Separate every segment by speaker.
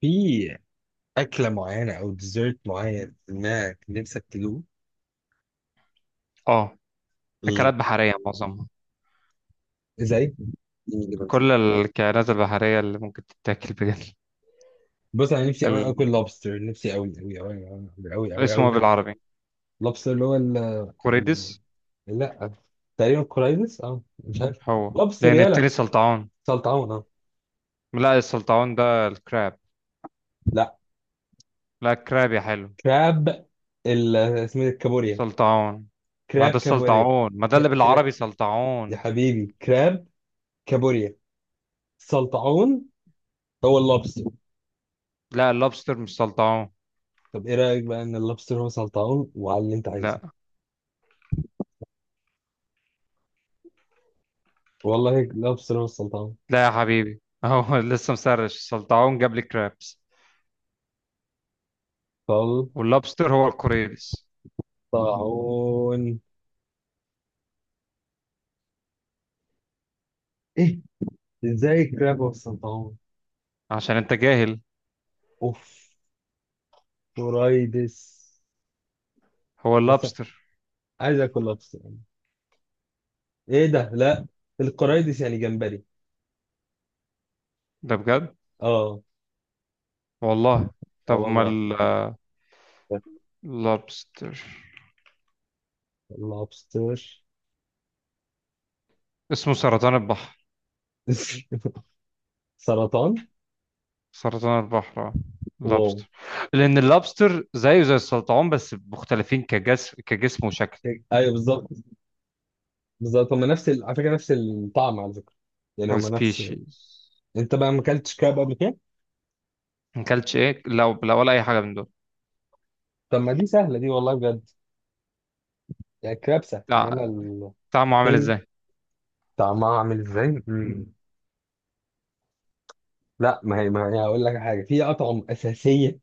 Speaker 1: في أكلة معينة أو ديزرت معين إنك نفسك تدوق
Speaker 2: اه،
Speaker 1: إيه؟
Speaker 2: اكلات بحريه معظمها.
Speaker 1: زي إيه؟ اللي بمسك.
Speaker 2: كل الكائنات البحريه اللي ممكن تتاكل بجد.
Speaker 1: بص أنا نفسي أوي
Speaker 2: ال...
Speaker 1: آكل لوبستر، نفسي أوي أوي أوي أوي أوي أوي
Speaker 2: اسمه
Speaker 1: أوي
Speaker 2: إيه
Speaker 1: ناكل
Speaker 2: بالعربي؟
Speaker 1: لوبستر اللي هو ال-
Speaker 2: كوريدس.
Speaker 1: لا، تقريبا كورايزس، مش عارف.
Speaker 2: هو.
Speaker 1: لوبستر
Speaker 2: لان التاني
Speaker 1: يلا.
Speaker 2: سلطعون.
Speaker 1: سلطعون أه.
Speaker 2: لا، السلطعون ده الكراب.
Speaker 1: لا،
Speaker 2: لا، الكراب يا حلو.
Speaker 1: كراب. ال اسمه إيه؟ الكابوريا،
Speaker 2: سلطعون. ما
Speaker 1: كراب،
Speaker 2: ده
Speaker 1: كابوريا،
Speaker 2: السلطعون، ما ده اللي
Speaker 1: كراب
Speaker 2: بالعربي
Speaker 1: يا
Speaker 2: سلطعون.
Speaker 1: حبيبي، كراب، كابوريا، سلطعون، هو اللوبستر.
Speaker 2: لا، اللوبستر مش سلطعون.
Speaker 1: طب ايه رأيك بقى ان اللوبستر هو سلطعون وعلى اللي انت عايزه؟
Speaker 2: لا،
Speaker 1: والله لابس سلام السلطعون.
Speaker 2: لا يا حبيبي، هو لسه مسرش السلطعون جاب لي كرابس. واللوبستر هو الكوريدس.
Speaker 1: سلطعون. ايه؟ ازاي كراب والسلطعون؟
Speaker 2: عشان انت جاهل.
Speaker 1: اوف. قرايدس
Speaker 2: هو
Speaker 1: بس.
Speaker 2: اللوبستر.
Speaker 1: عايز اكل لابس يعني. ايه ده؟ لا، القرايدس يعني جمبري.
Speaker 2: ده بجد.
Speaker 1: اه.
Speaker 2: والله.
Speaker 1: اه
Speaker 2: طب
Speaker 1: والله.
Speaker 2: امال لابستر.
Speaker 1: لابستر.
Speaker 2: اسمه سرطان البحر.
Speaker 1: سرطان.
Speaker 2: سرطان البحر، اه.
Speaker 1: واو.
Speaker 2: لابستر. لان اللابستر زيه زي السلطعون بس مختلفين كجسم وشكل.
Speaker 1: ايوه بالظبط. بالظبط هما نفس على فكره نفس الطعم على فكره. يعني هما نفس.
Speaker 2: السبيشيز.
Speaker 1: انت بقى ما اكلتش كراب قبل كده؟
Speaker 2: ما اكلتش ايه، لا لا، ولا اي حاجه من دول.
Speaker 1: طب ما دي سهله دي والله بجد. يعني الكراب سهل، انما
Speaker 2: لا. طعمه عامل
Speaker 1: التاني.
Speaker 2: ازاي؟
Speaker 1: طعمها عامل ازاي؟ مم. لا، ما هي هقول لك حاجه، في اطعم اساسيه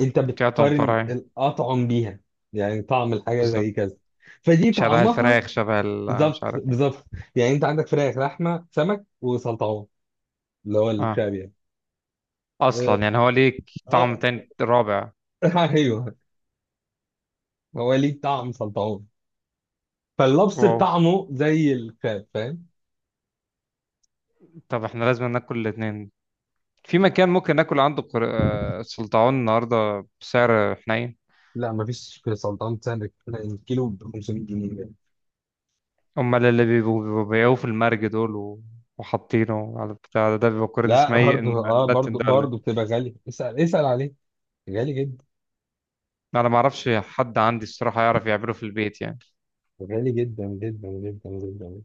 Speaker 1: انت
Speaker 2: كاتم
Speaker 1: بتقارن
Speaker 2: فراي.
Speaker 1: الاطعم بيها. يعني طعم الحاجه زي
Speaker 2: بالظبط.
Speaker 1: كذا، فدي
Speaker 2: شبه
Speaker 1: طعمها.
Speaker 2: الفراخ، شبه مش
Speaker 1: بالظبط
Speaker 2: عارف ايه.
Speaker 1: بالظبط. يعني انت عندك فراخ، لحمه، سمك، وسلطعون اللي هو
Speaker 2: اه.
Speaker 1: الكراب يعني. اه.
Speaker 2: اصلا يعني هو ليه طعم
Speaker 1: آه،
Speaker 2: تاني رابع.
Speaker 1: ايوه. هو ليه طعم سلطعون. فاللبس
Speaker 2: واو.
Speaker 1: بطعمه زي الكراب، فاهم؟
Speaker 2: طب احنا لازم ناكل الاتنين. في مكان ممكن ناكل عنده سلطعون النهارده بسعر حنين؟
Speaker 1: لا، مفيش سلطعون بتسعر الكيلو ب 500 جنيه.
Speaker 2: امال اللي بيبقوا بيبقوا بيقوا في المرج دول وحاطينه على البتاع ده بيبقى كوريدس
Speaker 1: لا
Speaker 2: ميت
Speaker 1: برضه اه
Speaker 2: الملتن
Speaker 1: برضه
Speaker 2: ده ولا إيه؟
Speaker 1: برضه بتبقى غالي، اسال عليه. غالي جدا.
Speaker 2: انا ما اعرفش حد عندي الصراحه يعرف يعمله في البيت يعني.
Speaker 1: غالي جدا جدا جدا جدا.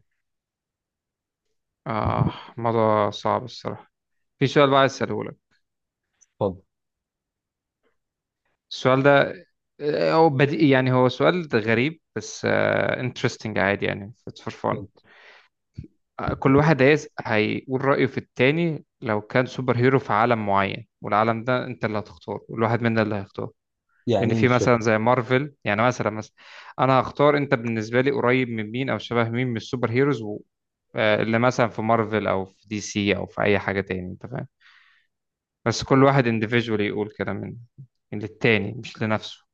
Speaker 2: اه. الموضوع صعب الصراحه. في سؤال بقى عايز اساله لك.
Speaker 1: اتفضل.
Speaker 2: السؤال ده هو بديهي يعني، هو سؤال غريب بس انترستنج، عادي يعني، اتس فور فان.
Speaker 1: اتفضل.
Speaker 2: كل واحد هيقول رأيه في التاني لو كان سوبر هيرو في عالم معين، والعالم ده انت اللي هتختاره والواحد منا اللي هيختاره.
Speaker 1: يعني
Speaker 2: لان
Speaker 1: ايه؟
Speaker 2: في
Speaker 1: مش فاهم.
Speaker 2: مثلا زي مارفل، يعني مثلا. انا هختار، انت بالنسبه لي قريب من مين او شبه مين من السوبر هيروز اللي مثلا في مارفل او في دي سي او في اي حاجه تاني، انت فاهم. بس كل واحد انديفيدولي يقول كده، من للتاني مش لنفسه.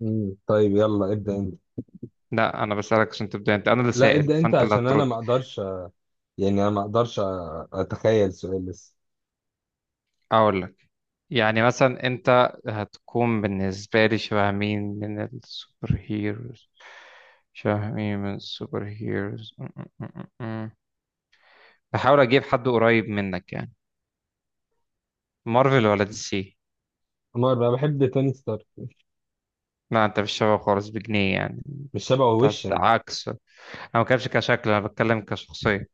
Speaker 1: مم. طيب يلا ابدأ انت.
Speaker 2: لا، انا بسالك عشان تبدا انت، انا اللي
Speaker 1: لا
Speaker 2: سائل
Speaker 1: ابدأ انت
Speaker 2: فانت اللي
Speaker 1: عشان انا
Speaker 2: هترد.
Speaker 1: ما اقدرش يعني انا ما اقدرش اتخيل سؤال لسه.
Speaker 2: اقول لك. يعني مثلا انت هتكون بالنسبه لي شبه مين من السوبر هيروز. شبه مين من السوبر هيروز. بحاول اجيب حد قريب منك يعني. مارفل ولا دي سي؟
Speaker 1: نور بقى بحب توني ستارك.
Speaker 2: لا، انت مش شبه خالص بجنيه يعني.
Speaker 1: مش شبهه
Speaker 2: انت
Speaker 1: وشا.
Speaker 2: عكس انا. ما بتكلمش كشكل، انا بتكلم كشخصيه.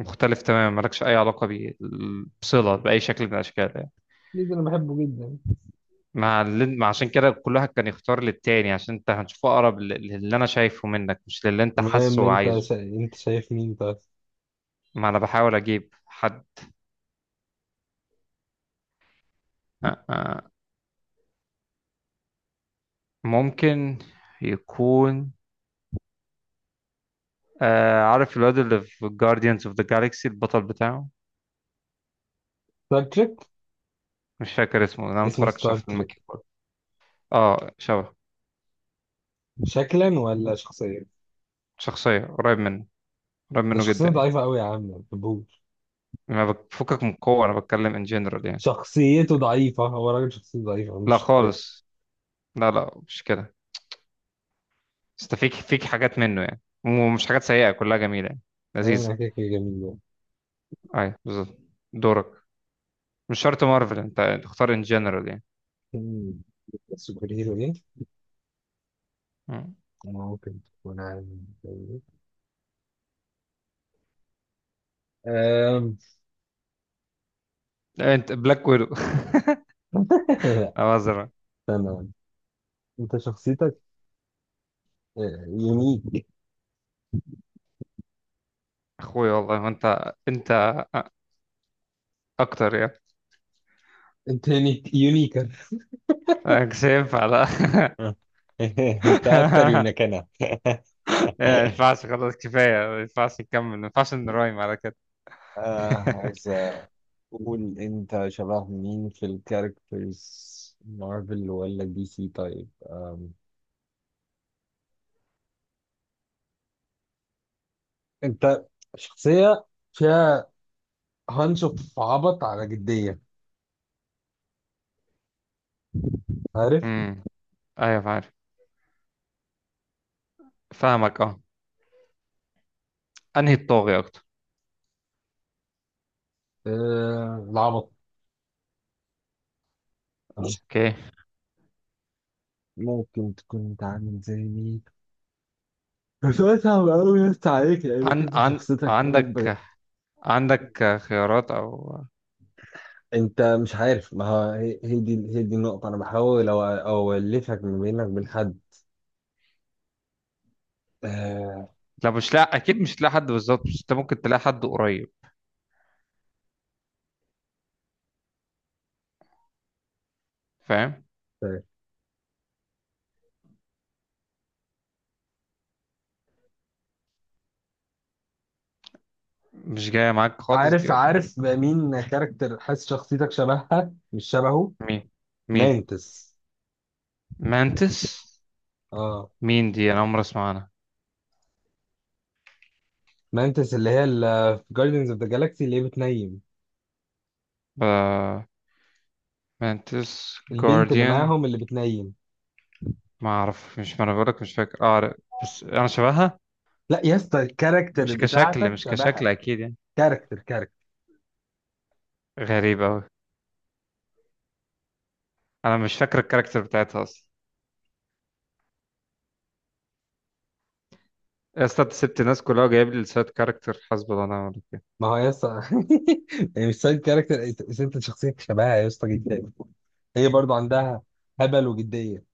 Speaker 2: مختلف تماما، مالكش اي علاقه بصله باي شكل من الاشكال يعني.
Speaker 1: ليه ده؟ انا بحبه جدا.
Speaker 2: مع اللي... مع عشان كده كل واحد كان يختار للتاني، عشان انت هتشوفه اقرب للي انا شايفه منك، مش للي انت
Speaker 1: المهم،
Speaker 2: حاسه وعايزه.
Speaker 1: انت شايف مين طيب؟
Speaker 2: ما انا بحاول اجيب حد. آه، آه. ممكن يكون عارف الواد اللي في Guardians of the Galaxy البطل بتاعه؟
Speaker 1: ستار تريك.
Speaker 2: مش فاكر اسمه، انا ما
Speaker 1: اسمه
Speaker 2: اتفرجتش
Speaker 1: ستار
Speaker 2: على فيلم
Speaker 1: تريك.
Speaker 2: كيك بوكس. اه، شبه.
Speaker 1: شكلا ولا شخصيا؟
Speaker 2: شخصيه قريب منه. قريب
Speaker 1: ده
Speaker 2: منه جدا
Speaker 1: شخصيته
Speaker 2: يعني.
Speaker 1: ضعيفة قوي يا عم، ما بحبوش.
Speaker 2: ما بفكك من قوه، انا بتكلم ان جنرال يعني.
Speaker 1: شخصيته ضعيفة، هو راجل شخصيته ضعيفة مش
Speaker 2: لا
Speaker 1: شخصية.
Speaker 2: خالص. لا، لا، مش كده. بس فيك حاجات منه يعني، ومش حاجات سيئه، كلها جميله يعني.
Speaker 1: ايوه
Speaker 2: لذيذه.
Speaker 1: انا كده كده جميل يعني.
Speaker 2: ايوه بالظبط. دورك. مش شرط مارفل انت تختار ان جنرال يعني.
Speaker 1: مم. سوبر هيرو.
Speaker 2: مم.
Speaker 1: ممكن تكون عامل زي أم...
Speaker 2: لا، انت بلاك ويدو.
Speaker 1: لا.
Speaker 2: أزرق.
Speaker 1: استنى، انت شخصيتك يونيك.
Speaker 2: اخوي والله، ما انت اكتر يعني.
Speaker 1: انت يونيك يونيكر.
Speaker 2: أنا مش هينفع، لا.
Speaker 1: انت اكتر يونيكنا.
Speaker 2: إيه، ما ينفعش خلاص، كفاية، ما ينفعش نكمل، ما ينفعش نرايم على كده.
Speaker 1: عايز اقول انت شبه مين في الكاركترز، مارفل ولا دي سي؟ طيب، انت شخصية فيها هانش اوف عبط على جدية، عارف؟
Speaker 2: امم. ايوه عارف. فاهمك، اه. انهي الطاغي اكتر؟
Speaker 1: العبط.
Speaker 2: اوكي.
Speaker 1: ممكن تكون انت عامل زي مين؟ بس سؤال صعب قوي يا اسطى عليك، لانك
Speaker 2: عن عن عندك. عندك خيارات او.
Speaker 1: انت مش عارف. ما هو هي دي النقطة، انا بحاول اولفك ما بينك وبين حد. آه،
Speaker 2: لا، اكيد مش تلاقي حد بالظبط، بس انت ممكن تلاقي حد قريب. فاهم؟
Speaker 1: طيب.
Speaker 2: مش جاية معاك خالص دي
Speaker 1: عارف
Speaker 2: ولا إيه؟
Speaker 1: عارف بقى مين كاركتر حاسس شخصيتك شبهها، مش شبهه.
Speaker 2: مين؟ مين؟
Speaker 1: مانتس.
Speaker 2: مانتس.
Speaker 1: اه.
Speaker 2: مين دي؟ انا عمري اسمع عنها.
Speaker 1: مانتس اللي هي اللي في جاردنز اوف ذا جالاكسي اللي هي بتنيم،
Speaker 2: ب- مانتس
Speaker 1: البنت اللي
Speaker 2: جارديان.
Speaker 1: معاهم اللي بتنيم.
Speaker 2: ما انا بقولك مش فاكر، اه عارف. بس انا شبهها.
Speaker 1: لا يا اسطى، الكاركتر
Speaker 2: مش كشكل
Speaker 1: بتاعتك
Speaker 2: مش كشكل
Speaker 1: شبهها.
Speaker 2: اكيد يعني.
Speaker 1: كاركتر كاركتر.
Speaker 2: غريب أوي. أنا مش فاكر الكاركتر بتاعتها أصلا. يا اسطى، أنت سبت الناس كلها وجايب لي لسات كاركتر، حسب الله ونعم الوكيل.
Speaker 1: ما هو يا اسطى. يعني مش سايد كاركتر، ست شخصيتك شبهها يا اسطى جدا. هي برضو عندها هبل وجديه.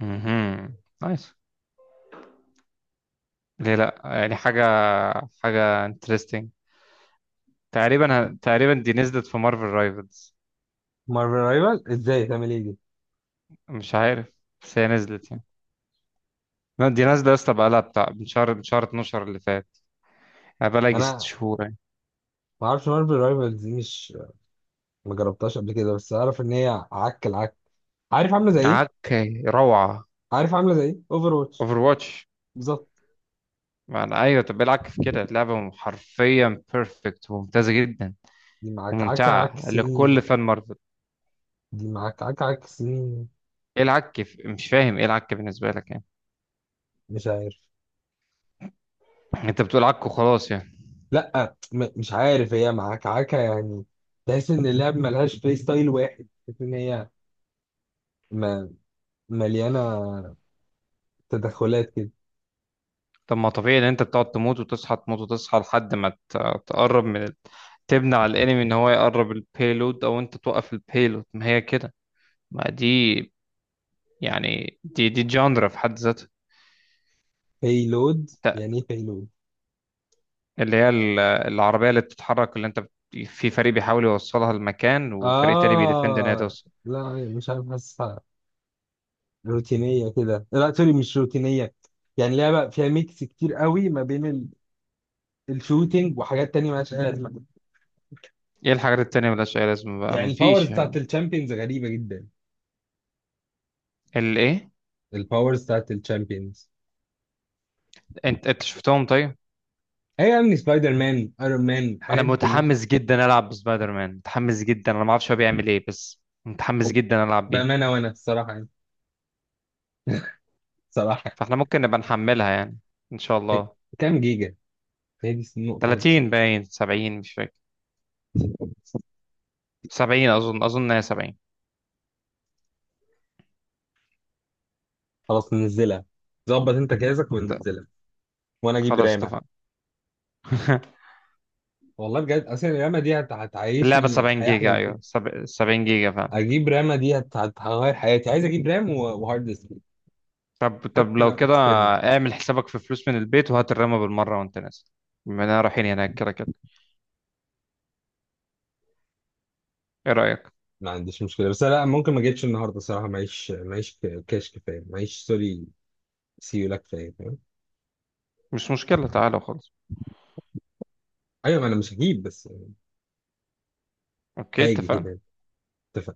Speaker 2: مهم. نايس. ليه لأ؟ يعني حاجة، حاجة انترستنج. تقريبا دي نزلت في مارفل رايفلز.
Speaker 1: مارفل رايفل ازاي؟ تعمل ايه دي؟
Speaker 2: مش عارف، بس هي نزلت يعني. لا، دي نازلة يا اسطى، بقالها بتاع من شهر 12 اللي فات. يعني بقالها يجي ست
Speaker 1: انا
Speaker 2: شهور يعني.
Speaker 1: ما اعرفش مارفل رايفل دي، مش ما جربتهاش قبل كده، بس اعرف ان هي عك العك. عارف عامله زي ايه؟
Speaker 2: عكي روعة.
Speaker 1: عارف عامله زي ايه؟ اوفر واتش.
Speaker 2: اوفر واتش.
Speaker 1: بالظبط.
Speaker 2: يعني ايوه، طب إيه العك في كده؟ لعبة حرفيا بيرفكت وممتازة جدا،
Speaker 1: دي معاك عك عك
Speaker 2: وممتعة
Speaker 1: سنين.
Speaker 2: لكل فان مارفل.
Speaker 1: دي معاك عك عك سنين.
Speaker 2: ايه العك مش فاهم ايه العك بالنسبه لك يعني.
Speaker 1: مش عارف.
Speaker 2: انت بتقول عك وخلاص يعني.
Speaker 1: لا، مش عارف، هي معاك عك يعني. تحس ان اللعب ملهاش بلاي ستايل واحد، تحس ان هي م- مليانه تدخلات كده.
Speaker 2: طب ما طبيعي ان انت بتقعد تموت وتصحى، تموت وتصحى لحد ما تقرب من تبني على الانمي ان هو يقرب البيلود او انت توقف البيلود، ما هي كده. ما دي، يعني دي جاندرا في حد ذاتها.
Speaker 1: لود،
Speaker 2: ت-
Speaker 1: يعني ايه لود؟
Speaker 2: اللي هي العربيه اللي بتتحرك، اللي انت في فريق بيحاول يوصلها لمكان وفريق تاني بيدفند ان هي
Speaker 1: اه.
Speaker 2: توصل.
Speaker 1: لا مش عارف، حاسسها روتينيه كده. لا سوري، مش روتينيه. يعني لعبه فيها ميكس كتير قوي ما بين الشوتينج وحاجات تانية مالهاش اي لازمه.
Speaker 2: ايه الحاجات التانية ملهاش اي لازمه؟ بقى
Speaker 1: يعني الباورز
Speaker 2: مفيش.
Speaker 1: بتاعت الشامبيونز غريبه جدا.
Speaker 2: الايه؟
Speaker 1: الباورز بتاعت الشامبيونز.
Speaker 2: انت شفتهم طيب؟
Speaker 1: ايوه يعني سبايدر مان، ايرون مان،
Speaker 2: انا
Speaker 1: الحاجات دي كلها.
Speaker 2: متحمس جدا العب بسبايدر مان، متحمس جدا، انا ما اعرفش هو بيعمل ايه بس متحمس جدا العب بيه.
Speaker 1: بامانه وانا الصراحه يعني. الصراحه.
Speaker 2: فاحنا ممكن نبقى نحملها يعني، ان شاء
Speaker 1: يعني.
Speaker 2: الله.
Speaker 1: كام جيجا؟ هي دي النقطه خالص.
Speaker 2: 30 باين 70، مش فاكر. 70 اظن هي 70.
Speaker 1: خلاص ننزلها. ظبط انت جهازك
Speaker 2: ط-
Speaker 1: وننزلها وانا اجيب
Speaker 2: خلاص
Speaker 1: رام.
Speaker 2: اتفقنا.
Speaker 1: والله بجد، اصل الرامة دي
Speaker 2: اللعبة
Speaker 1: هتعيشني
Speaker 2: 70
Speaker 1: حياة احلى
Speaker 2: جيجا،
Speaker 1: بكتير.
Speaker 2: ايوه 70 جيجا فعلا.
Speaker 1: اجيب رامة دي هتغير حياتي. عايز اجيب رام وهارد ديسك
Speaker 2: طب
Speaker 1: حتى
Speaker 2: لو
Speaker 1: لو
Speaker 2: كده،
Speaker 1: اكسترنال.
Speaker 2: اعمل حسابك في فلوس من البيت وهات الرامة بالمرة وانت نازل، بما اننا رايحين هناك كده كده. ايه رأيك؟
Speaker 1: ما عنديش مشكلة، بس لا ممكن ما اجيبش النهاردة صراحة، معيش كاش كفاية، معيش سوري. سيولا كفاية، فاهم؟
Speaker 2: مش مشكلة، تعالى وخلاص.
Speaker 1: ايوه ما انا مش هجيب بس.
Speaker 2: اوكي،
Speaker 1: هاجي كده.
Speaker 2: اتفقنا.
Speaker 1: انت